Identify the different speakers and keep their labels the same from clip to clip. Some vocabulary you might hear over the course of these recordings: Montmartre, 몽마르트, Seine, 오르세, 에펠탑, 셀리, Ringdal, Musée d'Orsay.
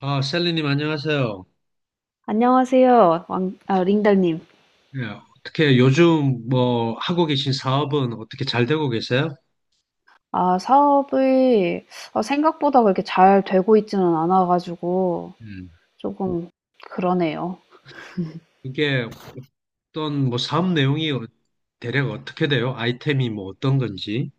Speaker 1: 아, 셀리님 안녕하세요.
Speaker 2: 안녕하세요, 링달님.
Speaker 1: 예, 어떻게 요즘 뭐 하고 계신 사업은 어떻게 잘 되고 계세요?
Speaker 2: 아, 사업이 생각보다 그렇게 잘 되고 있지는 않아가지고
Speaker 1: 음.
Speaker 2: 조금 그러네요.
Speaker 1: 그게 어떤 뭐 사업 내용이 대략 어떻게 돼요? 아이템이 뭐 어떤 건지.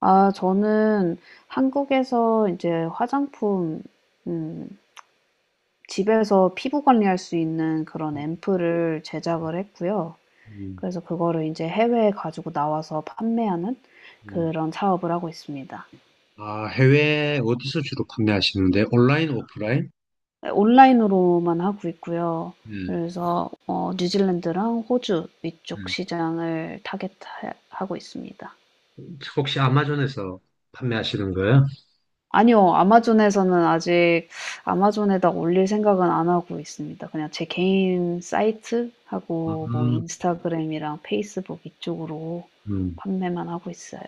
Speaker 2: 아, 저는 한국에서 이제 화장품, 음, 집에서 피부 관리할 수 있는 그런 앰플을 제작을 했고요.
Speaker 1: 음,
Speaker 2: 그래서 그거를 이제 해외에 가지고 나와서 판매하는
Speaker 1: 음.
Speaker 2: 그런 사업을 하고 있습니다.
Speaker 1: 아, 해외 어디서 주로 판매하시는데? 온라인, 오프라인?
Speaker 2: 온라인으로만 하고 있고요.
Speaker 1: 음,
Speaker 2: 그래서 뉴질랜드랑 호주 이쪽
Speaker 1: 음.
Speaker 2: 시장을 타겟하고 있습니다.
Speaker 1: 혹시 아마존에서 판매하시는 거예요?
Speaker 2: 아니요. 아마존에서는 아직 아마존에다 올릴 생각은 안 하고 있습니다. 그냥 제 개인 사이트하고 뭐
Speaker 1: 음,
Speaker 2: 인스타그램이랑 페이스북 이쪽으로
Speaker 1: 음.
Speaker 2: 판매만 하고 있어요.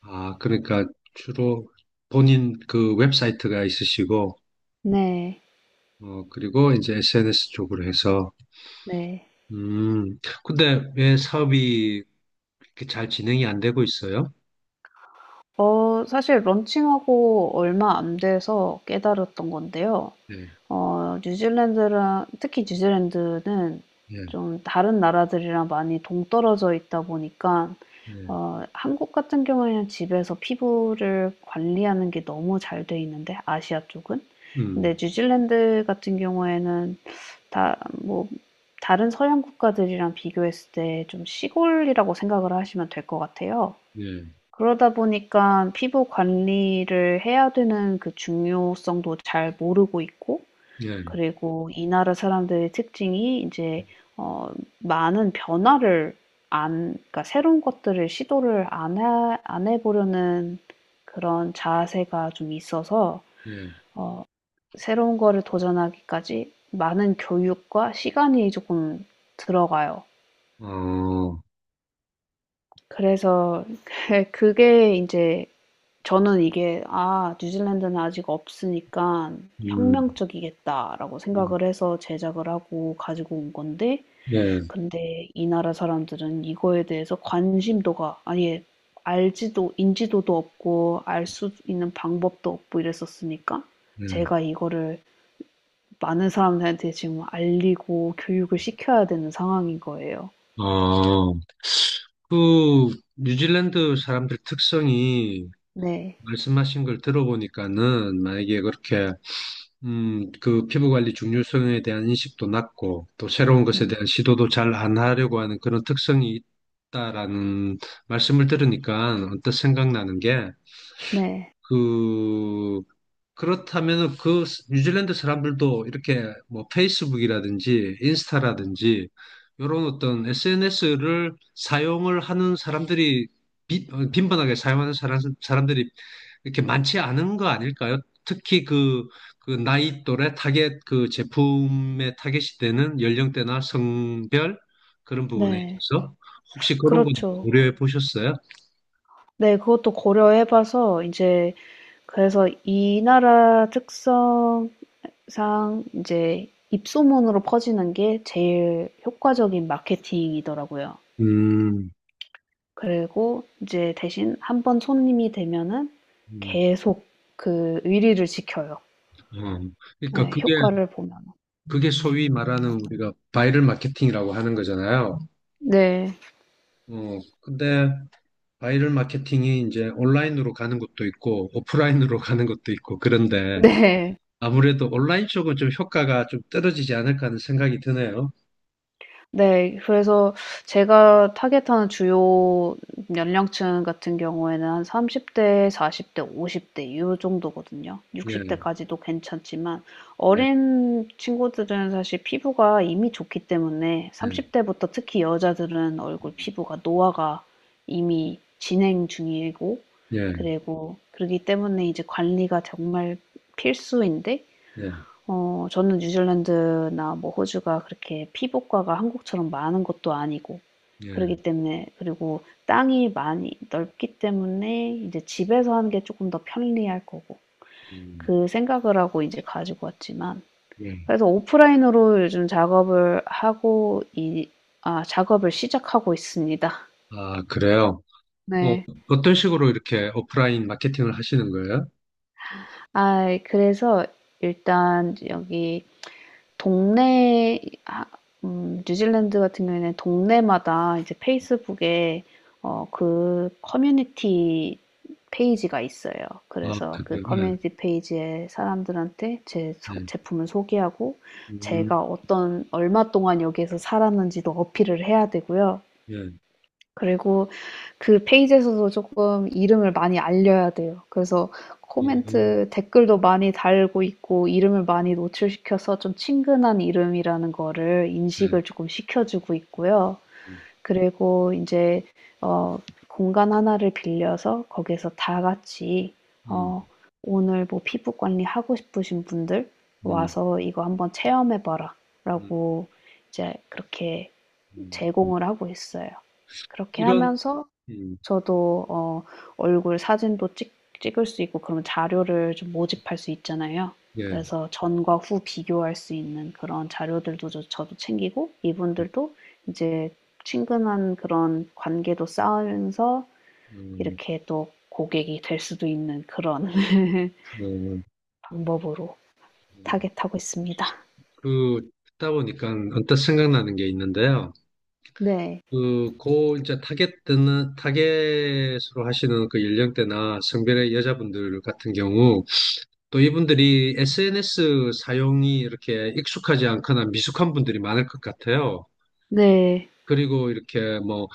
Speaker 1: 아, 그러니까 주로 본인 그 웹사이트가 있으시고,
Speaker 2: 네.
Speaker 1: 어, 그리고 이제 SNS 쪽으로 해서.
Speaker 2: 네.
Speaker 1: 근데 왜 사업이 그렇게 잘 진행이 안 되고 있어요?
Speaker 2: 사실 런칭하고 얼마 안 돼서 깨달았던 건데요.
Speaker 1: 예,
Speaker 2: 뉴질랜드랑 특히 뉴질랜드는
Speaker 1: 예,
Speaker 2: 좀 다른 나라들이랑 많이 동떨어져 있다 보니까
Speaker 1: 네.
Speaker 2: 한국 같은 경우에는 집에서 피부를 관리하는 게 너무 잘 돼 있는데 아시아 쪽은. 근데
Speaker 1: 음,
Speaker 2: 뉴질랜드 같은 경우에는 다 뭐 다른 서양 국가들이랑 비교했을 때 좀 시골이라고 생각을 하시면 될 것 같아요.
Speaker 1: 예,
Speaker 2: 그러다 보니까 피부 관리를 해야 되는 그 중요성도 잘 모르고 있고
Speaker 1: 예,
Speaker 2: 그리고 이 나라 사람들의 특징이 이제 어 많은 변화를 안 그러니까 새로운 것들을 시도를 안 해 보려는 그런 자세가 좀 있어서
Speaker 1: 예,
Speaker 2: 어 새로운 거를 도전하기까지 많은 교육과 시간이 조금 들어가요.
Speaker 1: 어,
Speaker 2: 그래서 그게 이제 저는 이게 '아 뉴질랜드는 아직 없으니까
Speaker 1: 음,
Speaker 2: 혁명적이겠다.'라고
Speaker 1: 음.
Speaker 2: 생각을 해서 제작을 하고 가지고 온 건데
Speaker 1: 예,
Speaker 2: 근데 이 나라 사람들은 이거에 대해서 관심도가 아예 알지도 인지도도 없고 알 수 있는 방법도 없고 이랬었으니까
Speaker 1: 예,
Speaker 2: 제가 이거를 많은 사람들한테 지금 알리고 교육을 시켜야 되는 상황인 거예요.
Speaker 1: 어, 그 뉴질랜드 사람들 특성이
Speaker 2: 네.
Speaker 1: 말씀하신 걸 들어보니까는 만약에 그렇게, 그 피부 관리 중요성에 대한 인식도 낮고 또 새로운 것에
Speaker 2: 네.
Speaker 1: 대한 시도도 잘 안 하려고 하는 그런 특성이 있다라는 말씀을 들으니까 언뜻 생각나는 게,
Speaker 2: 네.
Speaker 1: 그, 그렇다면은 그 뉴질랜드 사람들도 이렇게 뭐 페이스북이라든지 인스타라든지 이런 어떤 SNS를 사용을 하는 사람들이, 빈번하게 사용하는 사람들이 이렇게 많지 않은 거 아닐까요? 특히 그, 그 나이 또래 타겟, 그 제품의 타겟이 되는 연령대나 성별 그런 부분에
Speaker 2: 네.
Speaker 1: 있어서 혹시 그런 건
Speaker 2: 그렇죠.
Speaker 1: 고려해 보셨어요?
Speaker 2: 네. 그것도 고려해 봐서 이제 그래서 이 나라 특성상 이제 입소문으로 퍼지는 게 제일 효과적인 마케팅이더라고요.
Speaker 1: 음,
Speaker 2: 그리고 이제 대신 한번 손님이 되면은
Speaker 1: 음,
Speaker 2: 계속 그 의리를 지켜요.
Speaker 1: 어. 그러니까
Speaker 2: 네
Speaker 1: 그게,
Speaker 2: 효과를 보면
Speaker 1: 소위 말하는 우리가 바이럴 마케팅이라고 하는 거잖아요.
Speaker 2: 네.
Speaker 1: 어, 근데 바이럴 마케팅이 이제 온라인으로 가는 것도 있고 오프라인으로 가는 것도 있고, 그런데
Speaker 2: 네.
Speaker 1: 아무래도 온라인 쪽은 좀 효과가 좀 떨어지지 않을까 하는 생각이 드네요.
Speaker 2: 네. 그래서 제가 타겟하는 주요 연령층 같은 경우에는 한 30 대, 40 대, 50대 요 정도거든요. 60
Speaker 1: 예,
Speaker 2: 대까지도 괜찮지만
Speaker 1: 예,
Speaker 2: 어린 친구들은 사실 피부가 이미 좋기 때문에
Speaker 1: 예,
Speaker 2: 30 대부터 특히 여자들은 얼굴
Speaker 1: 음,
Speaker 2: 피부가 노화가 이미 진행 중이고
Speaker 1: 예,
Speaker 2: 그리고 그러기 때문에 이제 관리가 정말 필수인데
Speaker 1: 예,
Speaker 2: 저는 뉴질랜드나 뭐 호주가 그렇게 피복과가 한국처럼 많은 것도 아니고
Speaker 1: 예,
Speaker 2: 그러기 때문에 그리고 땅이 많이 넓기 때문에 이제 집에서 하는 게 조금 더 편리할 거고
Speaker 1: 음,
Speaker 2: 그 생각을 하고 이제 가지고 왔지만
Speaker 1: 예.
Speaker 2: 그래서 오프라인으로 요즘 작업을 하고 이 아 작업을 시작하고 있습니다.
Speaker 1: 아, 그래요? 어,
Speaker 2: 네.
Speaker 1: 어떤 식으로 이렇게 오프라인 마케팅을 하시는 거예요?
Speaker 2: 아 그래서 일단 여기 동네 뉴질랜드 같은 경우에는 동네마다 이제 페이스북에 그 커뮤니티 페이지가 있어요.
Speaker 1: 아,
Speaker 2: 그래서 그
Speaker 1: 그래요?
Speaker 2: 커뮤니티 페이지에 사람들한테
Speaker 1: 예, 예,
Speaker 2: 제품을 소개하고 제가
Speaker 1: 음,
Speaker 2: 어떤 얼마 동안 여기에서 살았는지도 어필을 해야 되고요.
Speaker 1: 예,
Speaker 2: 그리고 그 페이지에서도 조금 이름을 많이 알려야 돼요. 그래서
Speaker 1: 예,
Speaker 2: 코멘트 댓글도 많이 달고 있고 이름을 많이 노출시켜서 좀 친근한 이름이라는 거를
Speaker 1: 예,
Speaker 2: 인식을 조금 시켜 주고 있고요.
Speaker 1: 예,
Speaker 2: 그리고 인제 어 공간 하나를 빌려서 거기에서 다 같이
Speaker 1: 음,
Speaker 2: 어 "오늘 뭐 피부 관리하고 싶으신 분들
Speaker 1: 음,
Speaker 2: 와서 이거 한번 체험해
Speaker 1: 음,
Speaker 2: 봐라."라고 이제 그렇게
Speaker 1: 음.
Speaker 2: 제공을 하고 있어요. 그렇게
Speaker 1: 이런,
Speaker 2: 하면서
Speaker 1: 음,
Speaker 2: 저도 얼굴 사진도 찍 찍을 수 있고 그런 자료를 좀 모집할 수 있잖아요.
Speaker 1: 예,
Speaker 2: 그래서 전과 후 비교할 수 있는 그런 자료들도 저도 챙기고 이분들도 이제 친근한 그런 관계도 쌓으면서
Speaker 1: 음,
Speaker 2: 이렇게 또 고객이 될 수도 있는 그런
Speaker 1: 어,
Speaker 2: 방법으로 타겟하고 있습니다.
Speaker 1: 그, 듣다 보니까 언뜻 생각나는 게 있는데요.
Speaker 2: 네.
Speaker 1: 이제 타겟으로 하시는 그 연령대나 성별의 여자분들 같은 경우, 또 이분들이 SNS 사용이 이렇게 익숙하지 않거나 미숙한 분들이 많을 것 같아요.
Speaker 2: 네.
Speaker 1: 그리고 이렇게 뭐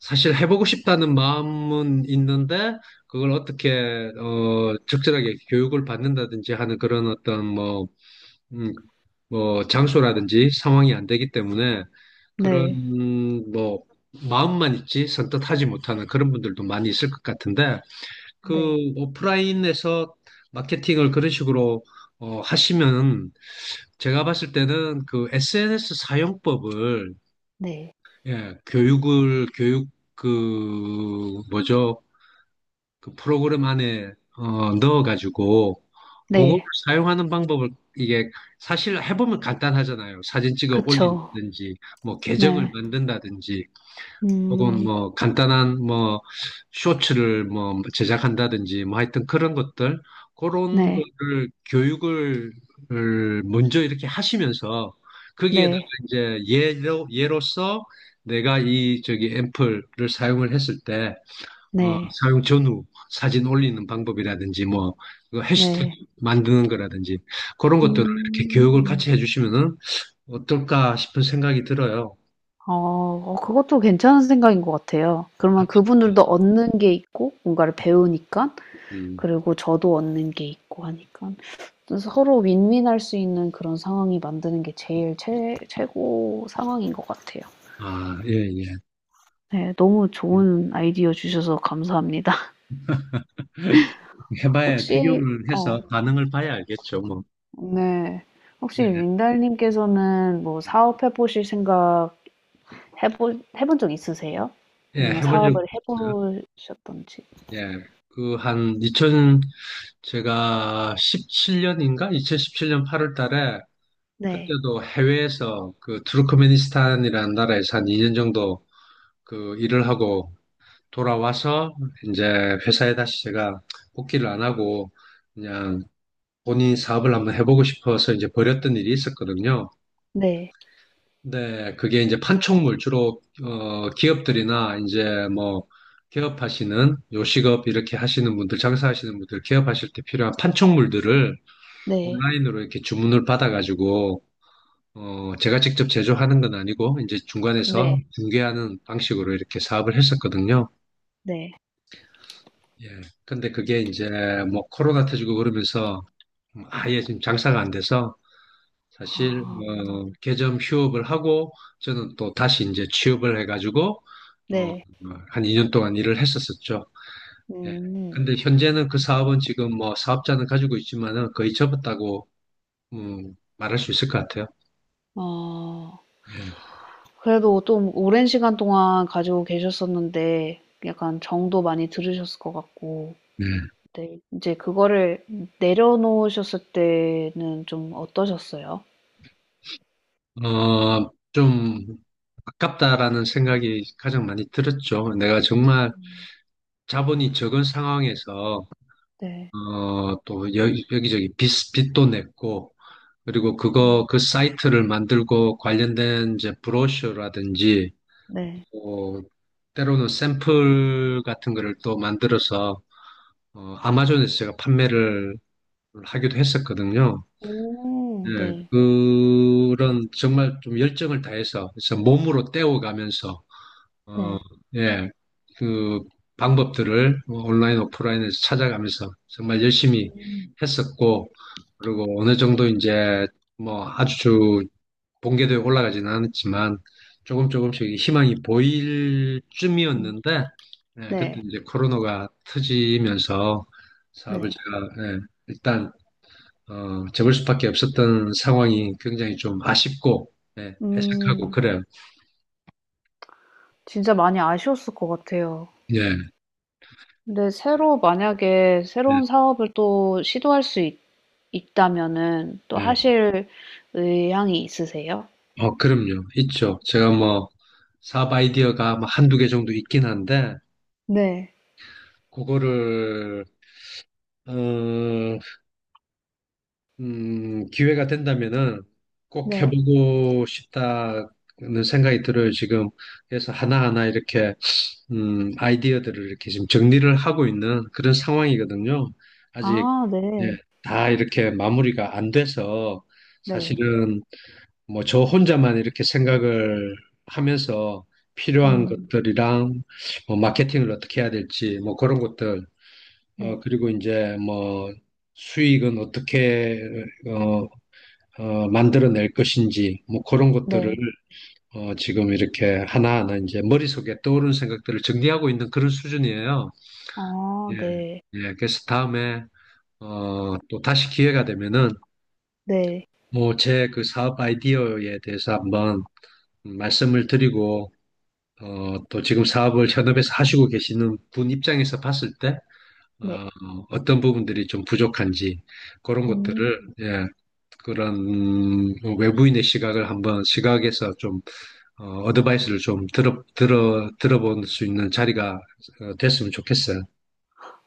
Speaker 1: 사실 해보고 싶다는 마음은 있는데 그걸 어떻게 어 적절하게 교육을 받는다든지 하는 그런 어떤 뭐, 음, 뭐 장소라든지 상황이 안 되기 때문에
Speaker 2: 네.
Speaker 1: 그런 뭐 마음만 있지 선뜻 하지 못하는 그런 분들도 많이 있을 것 같은데, 그
Speaker 2: 네.
Speaker 1: 오프라인에서 마케팅을 그런 식으로 어, 하시면은, 제가 봤을 때는 그 SNS 사용법을,
Speaker 2: 네.
Speaker 1: 예, 교육, 그 뭐죠? 그 프로그램 안에 어, 넣어가지고 그거를
Speaker 2: 네.
Speaker 1: 사용하는 방법을, 이게 사실 해보면 간단하잖아요. 사진 찍어
Speaker 2: 그쵸.
Speaker 1: 올린다든지, 뭐 계정을
Speaker 2: 네.
Speaker 1: 만든다든지, 혹은
Speaker 2: 음.
Speaker 1: 뭐 간단한 뭐 쇼츠를 뭐 제작한다든지, 뭐 하여튼 그런 것들, 그런
Speaker 2: 네.
Speaker 1: 거를 교육을 먼저 이렇게 하시면서, 거기에다가
Speaker 2: 네.
Speaker 1: 이제 예로서 내가 이 저기 앰플을 사용을 했을 때, 어,
Speaker 2: 네.
Speaker 1: 사용 전후 사진 올리는 방법이라든지 뭐그 해시태그
Speaker 2: 네.
Speaker 1: 만드는 거라든지, 그런 것들을 이렇게 교육을 같이
Speaker 2: 음.
Speaker 1: 해주시면은 어떨까 싶은 생각이 들어요.
Speaker 2: 어. 그것도 괜찮은 생각인 것 같아요. 그러면 그분들도 얻는 게 있고 뭔가를 배우니깐
Speaker 1: 음.
Speaker 2: 그리고 저도 얻는 게 있고 하니깐 또 서로 윈윈할 수 있는 그런 상황이 만드는 게 제일 최 최고 상황인 것 같아요.
Speaker 1: 아, 예, 예.
Speaker 2: 네. 너무 좋은 아이디어 주셔서 감사합니다.
Speaker 1: 해봐야,
Speaker 2: 혹시
Speaker 1: 적용을 해서 반응을 봐야 알겠죠, 뭐.
Speaker 2: 네. 혹시
Speaker 1: 예,
Speaker 2: 린달님께서는 뭐
Speaker 1: 예,
Speaker 2: 사업해 보실 생각 해볼 해본 적 있으세요?
Speaker 1: 예,
Speaker 2: 아니면
Speaker 1: 해본 적이
Speaker 2: 사업을 해
Speaker 1: 있어요.
Speaker 2: 보셨던지?
Speaker 1: 예, 그, 한, 2000, 제가 17년인가? 2017년 8월 달에,
Speaker 2: 네.
Speaker 1: 그때도 해외에서 그, 투르크메니스탄이라는 나라에서 한 2년 정도 그 일을 하고 돌아와서, 이제 회사에 다시 제가 복귀를 안 하고, 그냥 본인 사업을 한번 해보고 싶어서 이제 버렸던 일이 있었거든요.
Speaker 2: 네.
Speaker 1: 네, 그게 이제 판촉물, 주로, 어, 기업들이나 이제 뭐, 개업하시는, 요식업 이렇게 하시는 분들, 장사하시는 분들, 개업하실 때 필요한 판촉물들을
Speaker 2: 네.
Speaker 1: 온라인으로 이렇게 주문을 받아가지고, 어, 제가 직접 제조하는 건 아니고, 이제 중간에서
Speaker 2: 네.
Speaker 1: 중개하는 방식으로 이렇게 사업을 했었거든요.
Speaker 2: 네.
Speaker 1: 예. 근데 그게 이제 뭐, 코로나 터지고 그러면서 아예 지금 장사가 안 돼서, 사실
Speaker 2: 아
Speaker 1: 어, 개점 휴업을 하고 저는 또 다시 이제 취업을 해가지고, 어,
Speaker 2: 네.
Speaker 1: 한 2년 동안 일을 했었었죠. 예.
Speaker 2: 음.
Speaker 1: 근데 현재는 그 사업은 지금 뭐 사업자는 가지고 있지만은 거의 접었다고, 말할 수 있을 것 같아요.
Speaker 2: 어.
Speaker 1: 예.
Speaker 2: 그래도 좀 오랜 시간 동안 가지고 계셨었는데 약간 정도 많이 들으셨을 것 같고
Speaker 1: 네.
Speaker 2: 네. 인제 그거를 내려놓으셨을 때는 좀 어떠셨어요?
Speaker 1: 어, 좀 아깝다라는 생각이 가장 많이 들었죠. 내가 정말 자본이 적은 상황에서
Speaker 2: 네.
Speaker 1: 어, 또 여기저기 빚도 냈고, 그리고
Speaker 2: 음
Speaker 1: 그 사이트를 만들고 관련된 이제 브로셔라든지,
Speaker 2: 네.
Speaker 1: 뭐, 때로는 샘플 같은 거를 또 만들어서, 어, 아마존에서 제가 판매를 하기도 했었거든요.
Speaker 2: 오
Speaker 1: 예,
Speaker 2: 네.
Speaker 1: 그런 정말 좀 열정을 다해서, 그래서 몸으로 떼어가면서 어,
Speaker 2: 네.
Speaker 1: 예, 그 방법들을 온라인, 오프라인에서 찾아가면서 정말 열심히
Speaker 2: 음.
Speaker 1: 했었고, 그리고 어느 정도 이제 뭐 아주 본궤도에 올라가지는 않았지만 조금 조금씩 희망이 보일
Speaker 2: 음.
Speaker 1: 쯤이었는데, 예, 그때
Speaker 2: 네.
Speaker 1: 이제 코로나가 터지면서 사업을
Speaker 2: 네.
Speaker 1: 제가, 예, 일단 어, 접을 수밖에 없었던 상황이 굉장히 좀 아쉽고, 예, 석하고
Speaker 2: 음.
Speaker 1: 그래요.
Speaker 2: 진짜 많이 아쉬웠을 것 같아요.
Speaker 1: 예,
Speaker 2: 근데 새로 만약에
Speaker 1: 예,
Speaker 2: 새로운 사업을 또 시도할 수 있다면은 또
Speaker 1: 예.
Speaker 2: 하실 의향이 있으세요?
Speaker 1: 어, 그럼요. 있죠. 제가 뭐, 사업 아이디어가 뭐 한두 개 정도 있긴 한데,
Speaker 2: 네.
Speaker 1: 그거를, 어, 기회가 된다면은 꼭
Speaker 2: 네.
Speaker 1: 해보고 싶다는 생각이 들어요. 지금. 그래서 하나하나 이렇게, 아이디어들을 이렇게 지금 정리를 하고 있는 그런 상황이거든요. 아직,
Speaker 2: 아
Speaker 1: 예,
Speaker 2: 네.
Speaker 1: 다 이렇게 마무리가 안 돼서
Speaker 2: 네.
Speaker 1: 사실은 뭐 저 혼자만 이렇게 생각을 하면서 필요한
Speaker 2: 음.
Speaker 1: 것들이랑 뭐 마케팅을 어떻게 해야 될지 뭐 그런 것들, 어
Speaker 2: 네.
Speaker 1: 그리고 이제 뭐 수익은 어떻게, 어, 어, 만들어낼 것인지 뭐 그런 것들을,
Speaker 2: 네.
Speaker 1: 어, 지금 이렇게 하나하나 이제 머릿속에 떠오르는 생각들을 정리하고 있는 그런 수준이에요.
Speaker 2: 아
Speaker 1: 예,
Speaker 2: 네.
Speaker 1: 예. 그래서 다음에 어, 또 다시 기회가 되면은
Speaker 2: 네.
Speaker 1: 뭐 제 그 사업 아이디어에 대해서 한번 말씀을 드리고, 어, 또 지금 사업을 현업에서 하시고 계시는 분 입장에서 봤을 때
Speaker 2: 네.
Speaker 1: 어, 떤 부분들이 좀 부족한지 그런 것들을,
Speaker 2: 음.
Speaker 1: 예, 그런 외부인의 시각을 한번 시각에서 좀 어, 어드바이스를 좀 들어볼 수 있는 자리가 어, 됐으면 좋겠어요.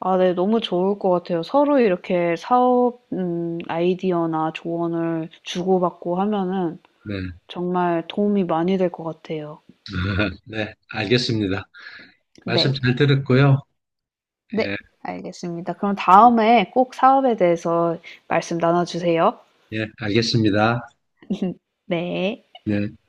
Speaker 2: 아 네. 너무 좋을 것 같아요. 서로 이렇게 사업 아이디어나 조언을 주고받고 하면은
Speaker 1: 네,
Speaker 2: 정말 도움이 많이 될 것 같아요.
Speaker 1: 네, 알겠습니다. 말씀
Speaker 2: 네.
Speaker 1: 잘 들었고요. 예,
Speaker 2: 네, 알겠습니다. 그럼 다음에 꼭 사업에 대해서 말씀 나눠주세요.
Speaker 1: 예, 알겠습니다.
Speaker 2: 네.
Speaker 1: 네.